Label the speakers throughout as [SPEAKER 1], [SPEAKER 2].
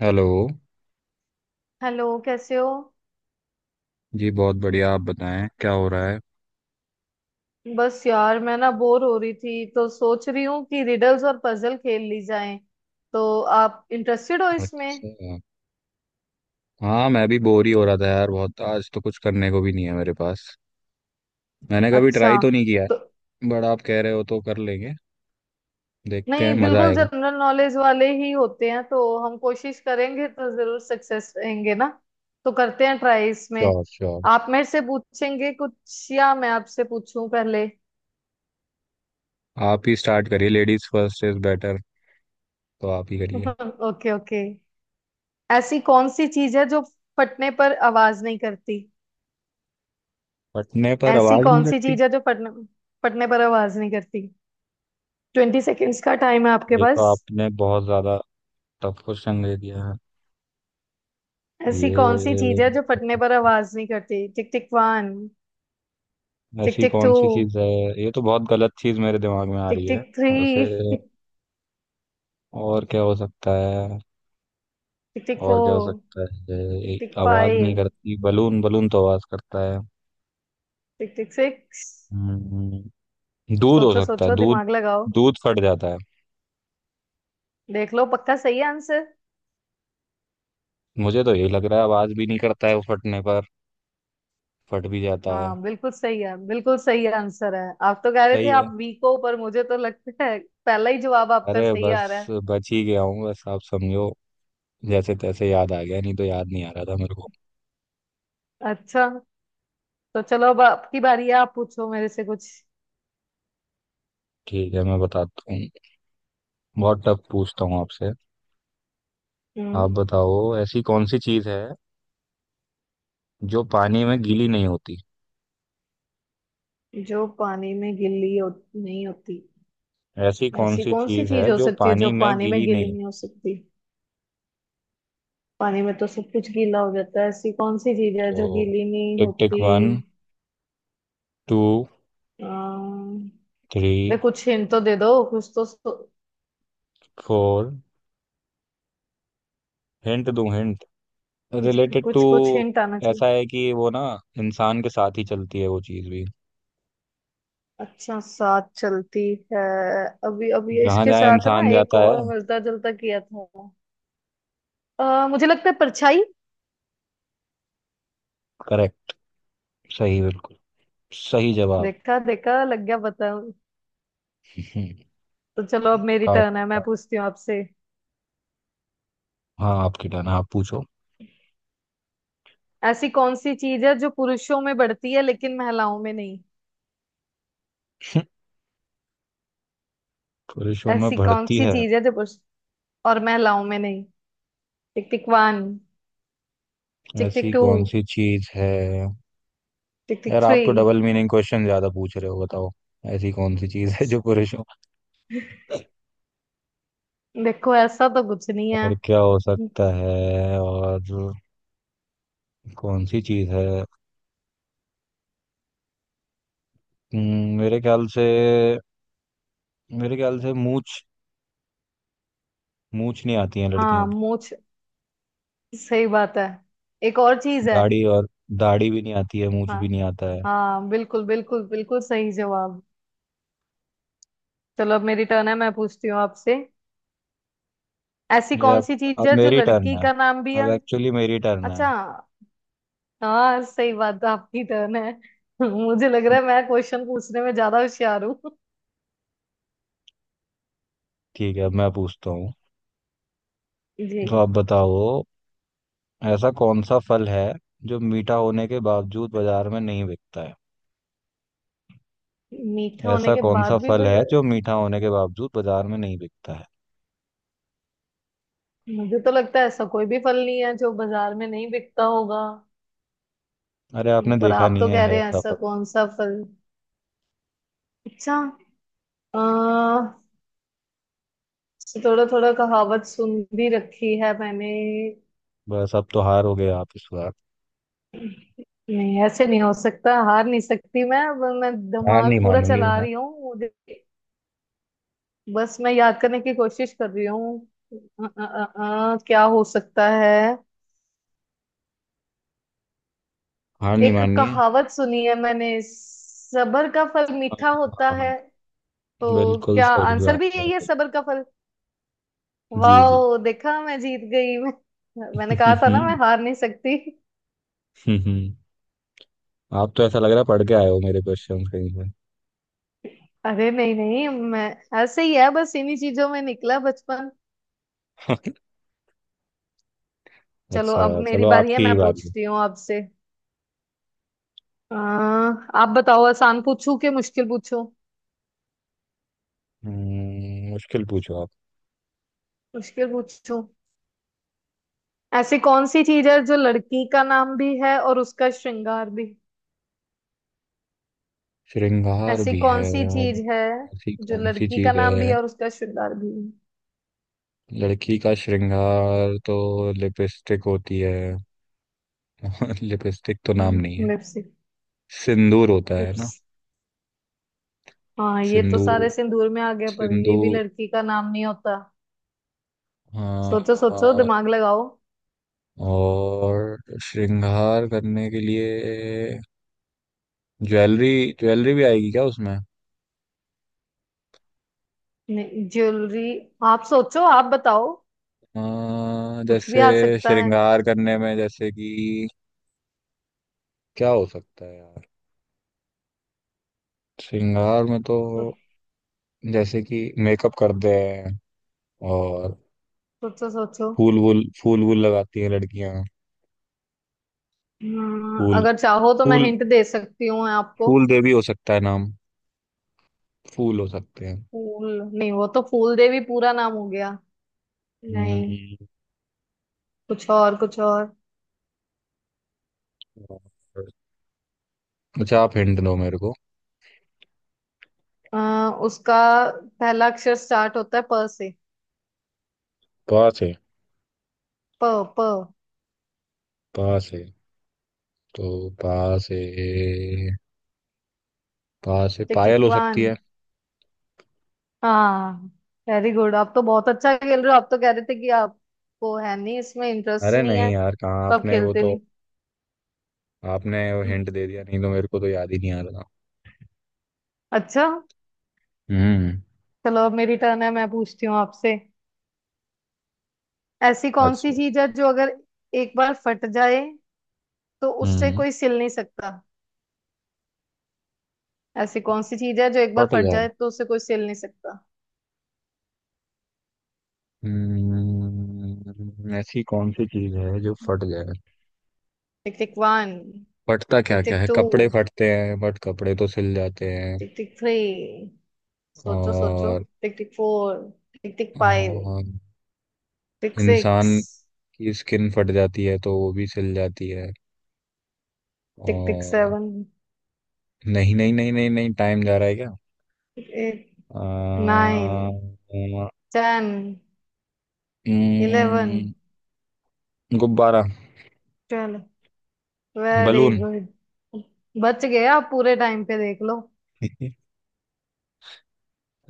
[SPEAKER 1] Hello.
[SPEAKER 2] Hello, कैसे हो।
[SPEAKER 1] जी बहुत बढ़िया। आप बताएं क्या हो रहा है।
[SPEAKER 2] बस यार, मैं ना बोर हो रही थी तो सोच रही हूँ कि रिडल्स और पजल खेल ली जाएं। तो आप इंटरेस्टेड हो इसमें?
[SPEAKER 1] अच्छा। हाँ मैं भी बोर ही हो रहा था यार, बहुत। आज तो कुछ करने को भी नहीं है मेरे पास। मैंने कभी
[SPEAKER 2] अच्छा।
[SPEAKER 1] ट्राई तो नहीं किया
[SPEAKER 2] तो
[SPEAKER 1] है। बट आप कह रहे हो तो कर लेंगे। देखते
[SPEAKER 2] नहीं,
[SPEAKER 1] हैं, मजा
[SPEAKER 2] बिल्कुल
[SPEAKER 1] आएगा।
[SPEAKER 2] जनरल नॉलेज वाले ही होते हैं तो हम कोशिश करेंगे तो जरूर सक्सेस रहेंगे ना। तो करते हैं ट्राई इसमें।
[SPEAKER 1] Sure sure.
[SPEAKER 2] आप मेरे से पूछेंगे कुछ या मैं आपसे पूछूं पहले?
[SPEAKER 1] आप ही स्टार्ट करिए। लेडीज फर्स्ट इज बेटर, तो आप ही करिए।
[SPEAKER 2] Okay okay. ऐसी कौन सी चीज है जो फटने पर आवाज नहीं करती?
[SPEAKER 1] फटने पर
[SPEAKER 2] ऐसी
[SPEAKER 1] आवाज नहीं
[SPEAKER 2] कौन सी
[SPEAKER 1] लगती।
[SPEAKER 2] चीज है जो फटने फटने पर आवाज नहीं करती? ट्वेंटी सेकेंड्स का टाइम है आपके
[SPEAKER 1] ये तो
[SPEAKER 2] पास।
[SPEAKER 1] आपने बहुत ज्यादा टफ क्वेश्चन दे दिया है।
[SPEAKER 2] ऐसी कौन सी चीज
[SPEAKER 1] ये,
[SPEAKER 2] है जो फटने पर आवाज नहीं करती? टिक टिक वन। टिक
[SPEAKER 1] ऐसी
[SPEAKER 2] टिक
[SPEAKER 1] कौन
[SPEAKER 2] टू।
[SPEAKER 1] सी चीज है। ये तो बहुत गलत चीज मेरे दिमाग में आ
[SPEAKER 2] टिक
[SPEAKER 1] रही है
[SPEAKER 2] टिक थ्री।
[SPEAKER 1] वैसे।
[SPEAKER 2] टिक
[SPEAKER 1] और क्या हो सकता है,
[SPEAKER 2] टिक
[SPEAKER 1] और क्या हो
[SPEAKER 2] फोर।
[SPEAKER 1] सकता है।
[SPEAKER 2] टिक
[SPEAKER 1] एक
[SPEAKER 2] टिक
[SPEAKER 1] आवाज नहीं
[SPEAKER 2] फाइव।
[SPEAKER 1] करती। बलून, बलून तो आवाज करता है।
[SPEAKER 2] टिक टिक सिक्स।
[SPEAKER 1] हम्म, दूध हो
[SPEAKER 2] सोचो
[SPEAKER 1] सकता है
[SPEAKER 2] सोचो,
[SPEAKER 1] दूध।
[SPEAKER 2] दिमाग लगाओ।
[SPEAKER 1] दूध फट जाता है।
[SPEAKER 2] देख लो, पक्का सही है आंसर।
[SPEAKER 1] मुझे तो यही लग रहा है, आवाज भी नहीं करता है वो फटने पर, फट भी जाता है।
[SPEAKER 2] हाँ, बिल्कुल सही है। बिल्कुल सही आंसर है। आप तो कह रहे थे
[SPEAKER 1] सही
[SPEAKER 2] आप
[SPEAKER 1] है।
[SPEAKER 2] वीक हो, पर मुझे तो लगता है पहला ही जवाब
[SPEAKER 1] अरे
[SPEAKER 2] आपका सही आ रहा
[SPEAKER 1] बस
[SPEAKER 2] है।
[SPEAKER 1] बच ही गया हूँ बस, आप समझो। जैसे तैसे याद आ गया, नहीं तो याद नहीं आ रहा था मेरे को।
[SPEAKER 2] अच्छा। तो चलो, अब आपकी बारी है। आप पूछो मेरे से कुछ।
[SPEAKER 1] ठीक है, मैं बताता हूँ। बहुत टफ पूछता हूँ आपसे। आप
[SPEAKER 2] हम्म।
[SPEAKER 1] बताओ, ऐसी कौन सी चीज है जो पानी में गीली नहीं होती।
[SPEAKER 2] जो पानी में गिल्ली हो, नहीं होती?
[SPEAKER 1] ऐसी कौन
[SPEAKER 2] ऐसी
[SPEAKER 1] सी
[SPEAKER 2] कौन सी
[SPEAKER 1] चीज
[SPEAKER 2] चीज
[SPEAKER 1] है
[SPEAKER 2] हो
[SPEAKER 1] जो
[SPEAKER 2] सकती है
[SPEAKER 1] पानी
[SPEAKER 2] जो
[SPEAKER 1] में
[SPEAKER 2] पानी में
[SPEAKER 1] गीली
[SPEAKER 2] गीली
[SPEAKER 1] नहीं होती।
[SPEAKER 2] नहीं हो सकती? पानी में तो सब कुछ गीला हो जाता है। ऐसी कौन सी चीज है
[SPEAKER 1] तो,
[SPEAKER 2] जो गीली नहीं
[SPEAKER 1] टिक टिक
[SPEAKER 2] होती?
[SPEAKER 1] वन, टू,
[SPEAKER 2] अम्म, अरे,
[SPEAKER 1] थ्री,
[SPEAKER 2] कुछ हिंट तो दे दो, कुछ तो।
[SPEAKER 1] फोर। हिंट दूं हिंट।
[SPEAKER 2] कुछ
[SPEAKER 1] रिलेटेड टू,
[SPEAKER 2] कुछ कुछ हिंट आना चाहिए।
[SPEAKER 1] ऐसा है कि वो ना इंसान के साथ ही चलती है वो चीज भी।
[SPEAKER 2] अच्छा, साथ चलती है। अभी अभी
[SPEAKER 1] जहां
[SPEAKER 2] इसके
[SPEAKER 1] जहां
[SPEAKER 2] साथ ना
[SPEAKER 1] इंसान
[SPEAKER 2] एक
[SPEAKER 1] जाता है।
[SPEAKER 2] और मिलता जुलता किया था। मुझे लगता है परछाई।
[SPEAKER 1] करेक्ट। सही, बिल्कुल सही जवाब।
[SPEAKER 2] देखा देखा, लग गया पता।
[SPEAKER 1] हम्म।
[SPEAKER 2] तो चलो, अब मेरी टर्न
[SPEAKER 1] काफी
[SPEAKER 2] है। मैं
[SPEAKER 1] काफी।
[SPEAKER 2] पूछती हूँ आपसे।
[SPEAKER 1] हाँ आपकी टर्न, आप पूछो।
[SPEAKER 2] ऐसी कौन सी चीज है जो पुरुषों में बढ़ती है लेकिन महिलाओं में नहीं?
[SPEAKER 1] पुरुषों में
[SPEAKER 2] ऐसी कौन
[SPEAKER 1] बढ़ती
[SPEAKER 2] सी
[SPEAKER 1] है।
[SPEAKER 2] चीज है जो पुरुष और महिलाओं में नहीं? Tick tick one. टिक टिक
[SPEAKER 1] ऐसी
[SPEAKER 2] टू।
[SPEAKER 1] कौन सी चीज है।
[SPEAKER 2] टिक टिक
[SPEAKER 1] यार
[SPEAKER 2] थ्री।
[SPEAKER 1] आप तो डबल मीनिंग क्वेश्चन ज्यादा पूछ रहे हो, बताओ। ऐसी कौन सी चीज है जो पुरुषों,
[SPEAKER 2] देखो, ऐसा तो कुछ नहीं है।
[SPEAKER 1] और क्या हो सकता है, और कौन सी चीज है। मेरे ख्याल से, मेरे ख्याल से मूछ। मूछ नहीं आती है
[SPEAKER 2] हाँ,
[SPEAKER 1] लड़कियों की।
[SPEAKER 2] मूछ। सही बात है। एक और चीज है।
[SPEAKER 1] दाढ़ी, और दाढ़ी भी नहीं आती है, मूछ
[SPEAKER 2] हाँ।
[SPEAKER 1] भी नहीं आता है।
[SPEAKER 2] हाँ, बिल्कुल बिल्कुल बिल्कुल सही जवाब। चलो, अब मेरी टर्न है। मैं पूछती हूँ आपसे। ऐसी
[SPEAKER 1] ये
[SPEAKER 2] कौन
[SPEAKER 1] अब
[SPEAKER 2] सी चीज
[SPEAKER 1] अब
[SPEAKER 2] है जो
[SPEAKER 1] मेरी टर्न
[SPEAKER 2] लड़की
[SPEAKER 1] है।
[SPEAKER 2] का नाम भी
[SPEAKER 1] अब
[SPEAKER 2] है?
[SPEAKER 1] एक्चुअली मेरी टर्न है।
[SPEAKER 2] अच्छा।
[SPEAKER 1] हम्म।
[SPEAKER 2] हाँ, सही बात है, आपकी टर्न है। मुझे लग रहा है मैं क्वेश्चन पूछने में ज्यादा होशियार हूँ।
[SPEAKER 1] ठीक है, अब मैं पूछता हूँ।
[SPEAKER 2] जी।
[SPEAKER 1] तो आप बताओ, ऐसा कौन सा फल है जो मीठा होने के बावजूद बाजार में नहीं बिकता है।
[SPEAKER 2] मीठा होने
[SPEAKER 1] ऐसा
[SPEAKER 2] के
[SPEAKER 1] कौन सा
[SPEAKER 2] बाद भी
[SPEAKER 1] फल
[SPEAKER 2] बज...
[SPEAKER 1] है जो मीठा होने के बावजूद बाजार में नहीं बिकता है।
[SPEAKER 2] मुझे तो लगता है ऐसा कोई भी फल नहीं है जो बाजार में नहीं बिकता होगा।
[SPEAKER 1] अरे आपने
[SPEAKER 2] पर
[SPEAKER 1] देखा
[SPEAKER 2] आप
[SPEAKER 1] नहीं
[SPEAKER 2] तो
[SPEAKER 1] है,
[SPEAKER 2] कह
[SPEAKER 1] है
[SPEAKER 2] रहे हैं
[SPEAKER 1] ऐसा
[SPEAKER 2] ऐसा
[SPEAKER 1] फल।
[SPEAKER 2] कौन सा फल? अच्छा। अह थोड़ा थोड़ा कहावत सुन भी रखी है मैंने।
[SPEAKER 1] बस अब तो हार हो गए आप इस बार।
[SPEAKER 2] नहीं, ऐसे नहीं हो सकता। हार नहीं सकती मैं। अब मैं
[SPEAKER 1] हार नहीं
[SPEAKER 2] दिमाग पूरा
[SPEAKER 1] मानूंगी
[SPEAKER 2] चला
[SPEAKER 1] मैं।
[SPEAKER 2] रही हूँ। मुझे बस मैं याद करने की कोशिश कर रही हूँ। क्या हो सकता है?
[SPEAKER 1] हार नहीं
[SPEAKER 2] एक
[SPEAKER 1] माननी है।
[SPEAKER 2] कहावत सुनी है मैंने, सबर का फल
[SPEAKER 1] हाँ।
[SPEAKER 2] मीठा
[SPEAKER 1] हाँ
[SPEAKER 2] होता
[SPEAKER 1] हाँ हाँ,
[SPEAKER 2] है। तो
[SPEAKER 1] बिल्कुल
[SPEAKER 2] क्या
[SPEAKER 1] सही
[SPEAKER 2] आंसर
[SPEAKER 1] बात
[SPEAKER 2] भी
[SPEAKER 1] है।
[SPEAKER 2] यही है, सबर का फल?
[SPEAKER 1] जी जी।
[SPEAKER 2] वाह, देखा! मैं जीत गई मैं। मैंने कहा था ना, मैं हार नहीं सकती।
[SPEAKER 1] आप तो ऐसा लग रहा है पढ़ के आए हो मेरे क्वेश्चन कहीं से।
[SPEAKER 2] अरे, नहीं नहीं, मैं ऐसे ही है बस, इन्हीं चीजों में निकला बचपन। चलो,
[SPEAKER 1] अच्छा
[SPEAKER 2] अब मेरी
[SPEAKER 1] चलो,
[SPEAKER 2] बारी है।
[SPEAKER 1] आपकी
[SPEAKER 2] मैं
[SPEAKER 1] बारी है।
[SPEAKER 2] पूछती हूँ आपसे। आप बताओ, आसान पूछूं कि मुश्किल पूछूं?
[SPEAKER 1] मुश्किल पूछो आप।
[SPEAKER 2] मुश्किल पूछूं। ऐसी कौन सी चीज है जो लड़की का नाम भी है और उसका श्रृंगार भी?
[SPEAKER 1] श्रृंगार
[SPEAKER 2] ऐसी
[SPEAKER 1] भी
[SPEAKER 2] कौन
[SPEAKER 1] है।
[SPEAKER 2] सी चीज है?
[SPEAKER 1] ऐसी
[SPEAKER 2] जो
[SPEAKER 1] कौन सी
[SPEAKER 2] लड़की का
[SPEAKER 1] चीज
[SPEAKER 2] नाम भी
[SPEAKER 1] है।
[SPEAKER 2] है और उसका श्रृंगार भी है?
[SPEAKER 1] लड़की का श्रृंगार तो लिपस्टिक होती है। लिपस्टिक तो नाम नहीं है।
[SPEAKER 2] लिप्स।
[SPEAKER 1] सिंदूर होता है
[SPEAKER 2] लिप्स।
[SPEAKER 1] ना।
[SPEAKER 2] हाँ, ये तो सारे
[SPEAKER 1] सिंदूर,
[SPEAKER 2] सिंदूर में आ गया, पर ये भी
[SPEAKER 1] सिंदूर।
[SPEAKER 2] लड़की का नाम नहीं होता। सोचो सोचो,
[SPEAKER 1] हाँ।
[SPEAKER 2] दिमाग लगाओ।
[SPEAKER 1] और श्रृंगार करने के लिए, ज्वेलरी। ज्वेलरी भी आएगी क्या उसमें।
[SPEAKER 2] नहीं, ज्वेलरी। आप सोचो, आप बताओ। कुछ भी
[SPEAKER 1] जैसे
[SPEAKER 2] आ सकता है।
[SPEAKER 1] श्रृंगार करने में, जैसे कि, क्या हो सकता है यार। श्रृंगार में तो,
[SPEAKER 2] सो,
[SPEAKER 1] जैसे कि मेकअप करते हैं, और
[SPEAKER 2] सोचो सोचो।
[SPEAKER 1] फूल वूल लगाती हैं लड़कियां।
[SPEAKER 2] हाँ,
[SPEAKER 1] फूल,
[SPEAKER 2] अगर चाहो तो मैं
[SPEAKER 1] फूल,
[SPEAKER 2] हिंट दे सकती हूँ आपको।
[SPEAKER 1] फूल देवी हो सकता है नाम। फूल हो सकते हैं।
[SPEAKER 2] फूल नहीं, वो तो फूल देवी पूरा नाम हो गया। नहीं।
[SPEAKER 1] हम्म।
[SPEAKER 2] कुछ और, कुछ और।
[SPEAKER 1] और- अच्छा, आप हिंट दो मेरे को।
[SPEAKER 2] उसका पहला अक्षर स्टार्ट होता है प से।
[SPEAKER 1] पास है।
[SPEAKER 2] प प।
[SPEAKER 1] पास है तो, पास है। पा से
[SPEAKER 2] टिक
[SPEAKER 1] पायल
[SPEAKER 2] टिक
[SPEAKER 1] हो सकती
[SPEAKER 2] वन।
[SPEAKER 1] है।
[SPEAKER 2] हाँ। Very good. आप तो बहुत अच्छा खेल रहे हो। आप तो कह रहे थे कि आपको है नहीं, इसमें इंटरेस्ट
[SPEAKER 1] अरे
[SPEAKER 2] नहीं
[SPEAKER 1] नहीं
[SPEAKER 2] है,
[SPEAKER 1] यार, कहाँ।
[SPEAKER 2] तो आप
[SPEAKER 1] आपने वो
[SPEAKER 2] खेलते
[SPEAKER 1] तो,
[SPEAKER 2] नहीं।
[SPEAKER 1] आपने वो हिंट दे दिया, नहीं तो मेरे को तो याद ही नहीं आ रहा था।
[SPEAKER 2] अच्छा।
[SPEAKER 1] हम्म।
[SPEAKER 2] चलो, अब मेरी टर्न है। मैं पूछती हूँ आपसे। ऐसी कौन सी
[SPEAKER 1] अच्छा।
[SPEAKER 2] चीज है जो अगर एक बार फट जाए तो उससे
[SPEAKER 1] हम्म।
[SPEAKER 2] कोई सिल नहीं सकता? ऐसी कौन सी चीज है जो एक बार
[SPEAKER 1] फट
[SPEAKER 2] फट
[SPEAKER 1] जाए।
[SPEAKER 2] जाए तो उसे कोई सिल नहीं सकता?
[SPEAKER 1] ऐसी कौन सी चीज है जो फट जाए।
[SPEAKER 2] टिक टिक वन।
[SPEAKER 1] फटता क्या
[SPEAKER 2] टिक
[SPEAKER 1] क्या
[SPEAKER 2] टिक
[SPEAKER 1] है,
[SPEAKER 2] टू।
[SPEAKER 1] कपड़े फटते हैं, बट कपड़े तो सिल जाते हैं।
[SPEAKER 2] टिक टिक थ्री। सोचो सोचो।
[SPEAKER 1] और,
[SPEAKER 2] tick tick four. Tick tick five.
[SPEAKER 1] और
[SPEAKER 2] टिक सिक्स।
[SPEAKER 1] इंसान की स्किन फट जाती है तो वो भी सिल जाती है।
[SPEAKER 2] टिक टिक
[SPEAKER 1] और
[SPEAKER 2] सेवन।
[SPEAKER 1] नहीं नहीं नहीं नहीं नहीं, टाइम जा रहा है क्या।
[SPEAKER 2] Tick eight. Nine. Ten. Eleven.
[SPEAKER 1] आ, गुब्बारा।
[SPEAKER 2] ट्वेल्व। Very
[SPEAKER 1] balloon.
[SPEAKER 2] गुड। बच गए आप पूरे टाइम पे, देख लो।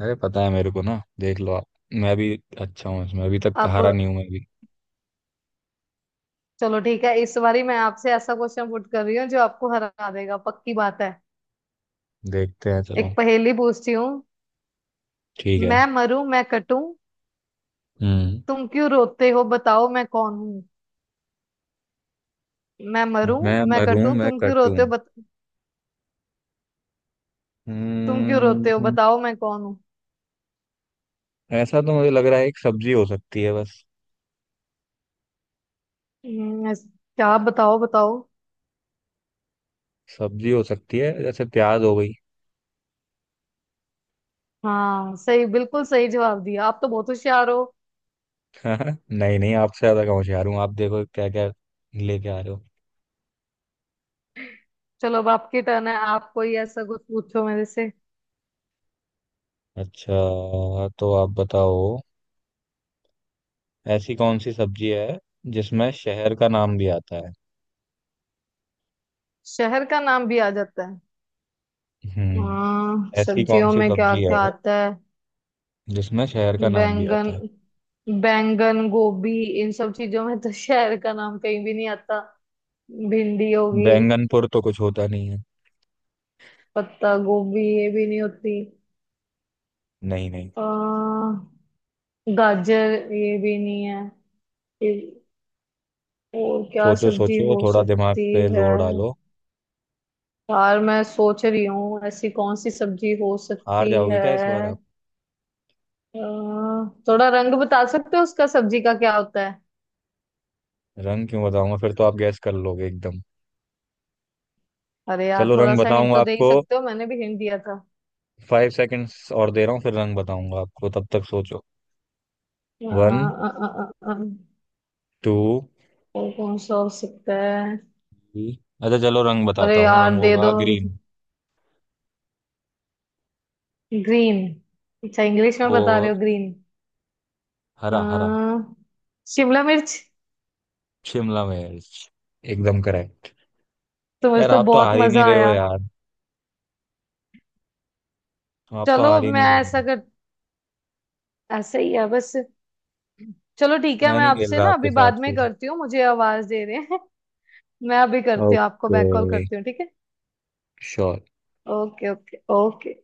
[SPEAKER 1] अरे पता है मेरे को ना, देख लो आप। मैं भी अच्छा हूँ इसमें, अभी तक
[SPEAKER 2] अब
[SPEAKER 1] हारा नहीं हूं मैं भी।
[SPEAKER 2] चलो ठीक है, इस बारी मैं आपसे ऐसा क्वेश्चन पुट कर रही हूँ जो आपको हरा देगा, पक्की बात है।
[SPEAKER 1] देखते हैं चलो।
[SPEAKER 2] एक पहेली पूछती हूँ।
[SPEAKER 1] ठीक है।
[SPEAKER 2] मैं मरूं, मैं कटूं,
[SPEAKER 1] हम्म।
[SPEAKER 2] तुम क्यों रोते हो, बताओ मैं कौन हूं? मैं मरूं।
[SPEAKER 1] मैं
[SPEAKER 2] मैं
[SPEAKER 1] मरूं,
[SPEAKER 2] कटूं,
[SPEAKER 1] मैं
[SPEAKER 2] तुम क्यों
[SPEAKER 1] कटूं।
[SPEAKER 2] रोते हो। तुम क्यों रोते हो,
[SPEAKER 1] हम्म।
[SPEAKER 2] बताओ मैं कौन हूँ?
[SPEAKER 1] ऐसा तो मुझे लग रहा है एक सब्जी हो सकती है बस।
[SPEAKER 2] हम्म, ऐस- क्या बताओ बताओ।
[SPEAKER 1] सब्जी हो सकती है, जैसे प्याज हो गई।
[SPEAKER 2] हाँ, सही, बिल्कुल सही जवाब दिया। आप तो बहुत होशियार हो।
[SPEAKER 1] नहीं नहीं, आपसे ज्यादा कहाँ होशियार हूँ। आप देखो क्या क्या लेके आ रहे हो।
[SPEAKER 2] चलो, अब आपकी टर्न है। आप कोई ऐसा कुछ पूछो मेरे से।
[SPEAKER 1] अच्छा, तो आप बताओ, ऐसी कौन सी सब्जी है जिसमें शहर का नाम भी आता है।
[SPEAKER 2] शहर का नाम भी आ जाता है? हाँ,
[SPEAKER 1] ऐसी कौन
[SPEAKER 2] सब्जियों
[SPEAKER 1] सी
[SPEAKER 2] में क्या
[SPEAKER 1] सब्जी है
[SPEAKER 2] क्या आता है?
[SPEAKER 1] जिसमें शहर का नाम भी
[SPEAKER 2] बैंगन।
[SPEAKER 1] आता है।
[SPEAKER 2] बैंगन गोभी। इन सब चीजों में तो शहर का नाम कहीं भी नहीं आता। भिंडी होगी।
[SPEAKER 1] बैंगनपुर तो कुछ होता नहीं है।
[SPEAKER 2] पत्ता गोभी, ये भी नहीं होती।
[SPEAKER 1] नहीं नहीं।
[SPEAKER 2] अ, गाजर, ये भी नहीं है। ये- और क्या
[SPEAKER 1] सोचो
[SPEAKER 2] सब्जी
[SPEAKER 1] सोचो,
[SPEAKER 2] हो
[SPEAKER 1] थोड़ा दिमाग
[SPEAKER 2] सकती
[SPEAKER 1] पे
[SPEAKER 2] है?
[SPEAKER 1] जोर डालो।
[SPEAKER 2] यार, मैं सोच रही हूँ ऐसी कौन सी सब्जी हो
[SPEAKER 1] हार
[SPEAKER 2] सकती
[SPEAKER 1] जाओगे
[SPEAKER 2] है?
[SPEAKER 1] क्या इस बार आप।
[SPEAKER 2] अ, थोड़ा रंग बता सकते हो उसका, सब्जी का क्या होता है?
[SPEAKER 1] रंग क्यों बताऊंगा, फिर तो आप गैस कर लोगे एकदम।
[SPEAKER 2] अरे यार,
[SPEAKER 1] चलो
[SPEAKER 2] थोड़ा
[SPEAKER 1] रंग
[SPEAKER 2] सा हिंट
[SPEAKER 1] बताऊंगा
[SPEAKER 2] तो दे ही
[SPEAKER 1] आपको,
[SPEAKER 2] सकते हो, मैंने भी हिंट दिया था।
[SPEAKER 1] 5 सेकंड्स और दे रहा हूँ, फिर रंग बताऊंगा आपको, तब तक सोचो।
[SPEAKER 2] अ,
[SPEAKER 1] वन,
[SPEAKER 2] अ, अ, अ, अ,
[SPEAKER 1] टू,
[SPEAKER 2] और कौन सा हो सकता है?
[SPEAKER 1] थ्री। अच्छा चलो, रंग बताता
[SPEAKER 2] अरे
[SPEAKER 1] हूँ। रंग
[SPEAKER 2] यार, दे
[SPEAKER 1] होगा
[SPEAKER 2] दो।
[SPEAKER 1] ग्रीन।
[SPEAKER 2] ग्रीन। अच्छा, इंग्लिश में बता
[SPEAKER 1] और
[SPEAKER 2] रहे हो, ग्रीन। आ,
[SPEAKER 1] हरा, हरा।
[SPEAKER 2] शिमला मिर्च।
[SPEAKER 1] शिमला मिर्च। एकदम करेक्ट।
[SPEAKER 2] तुम्हें
[SPEAKER 1] यार
[SPEAKER 2] तो
[SPEAKER 1] आप तो
[SPEAKER 2] बहुत
[SPEAKER 1] हार ही नहीं
[SPEAKER 2] मजा
[SPEAKER 1] रहे हो
[SPEAKER 2] आया।
[SPEAKER 1] यार। आप तो
[SPEAKER 2] चलो,
[SPEAKER 1] हार ही
[SPEAKER 2] मैं
[SPEAKER 1] नहीं रहे
[SPEAKER 2] ऐसा
[SPEAKER 1] हो।
[SPEAKER 2] कर ऐसा ही है बस। चलो ठीक है,
[SPEAKER 1] मैं
[SPEAKER 2] मैं
[SPEAKER 1] नहीं खेल
[SPEAKER 2] आपसे
[SPEAKER 1] रहा
[SPEAKER 2] ना
[SPEAKER 1] आपके
[SPEAKER 2] अभी बाद
[SPEAKER 1] साथ
[SPEAKER 2] में
[SPEAKER 1] फिर।
[SPEAKER 2] करती हूँ, मुझे आवाज दे रहे हैं। मैं अभी करती हूँ, आपको
[SPEAKER 1] ओके।
[SPEAKER 2] बैक कॉल करती हूँ, ठीक है?
[SPEAKER 1] श्योर।
[SPEAKER 2] Okay okay okay.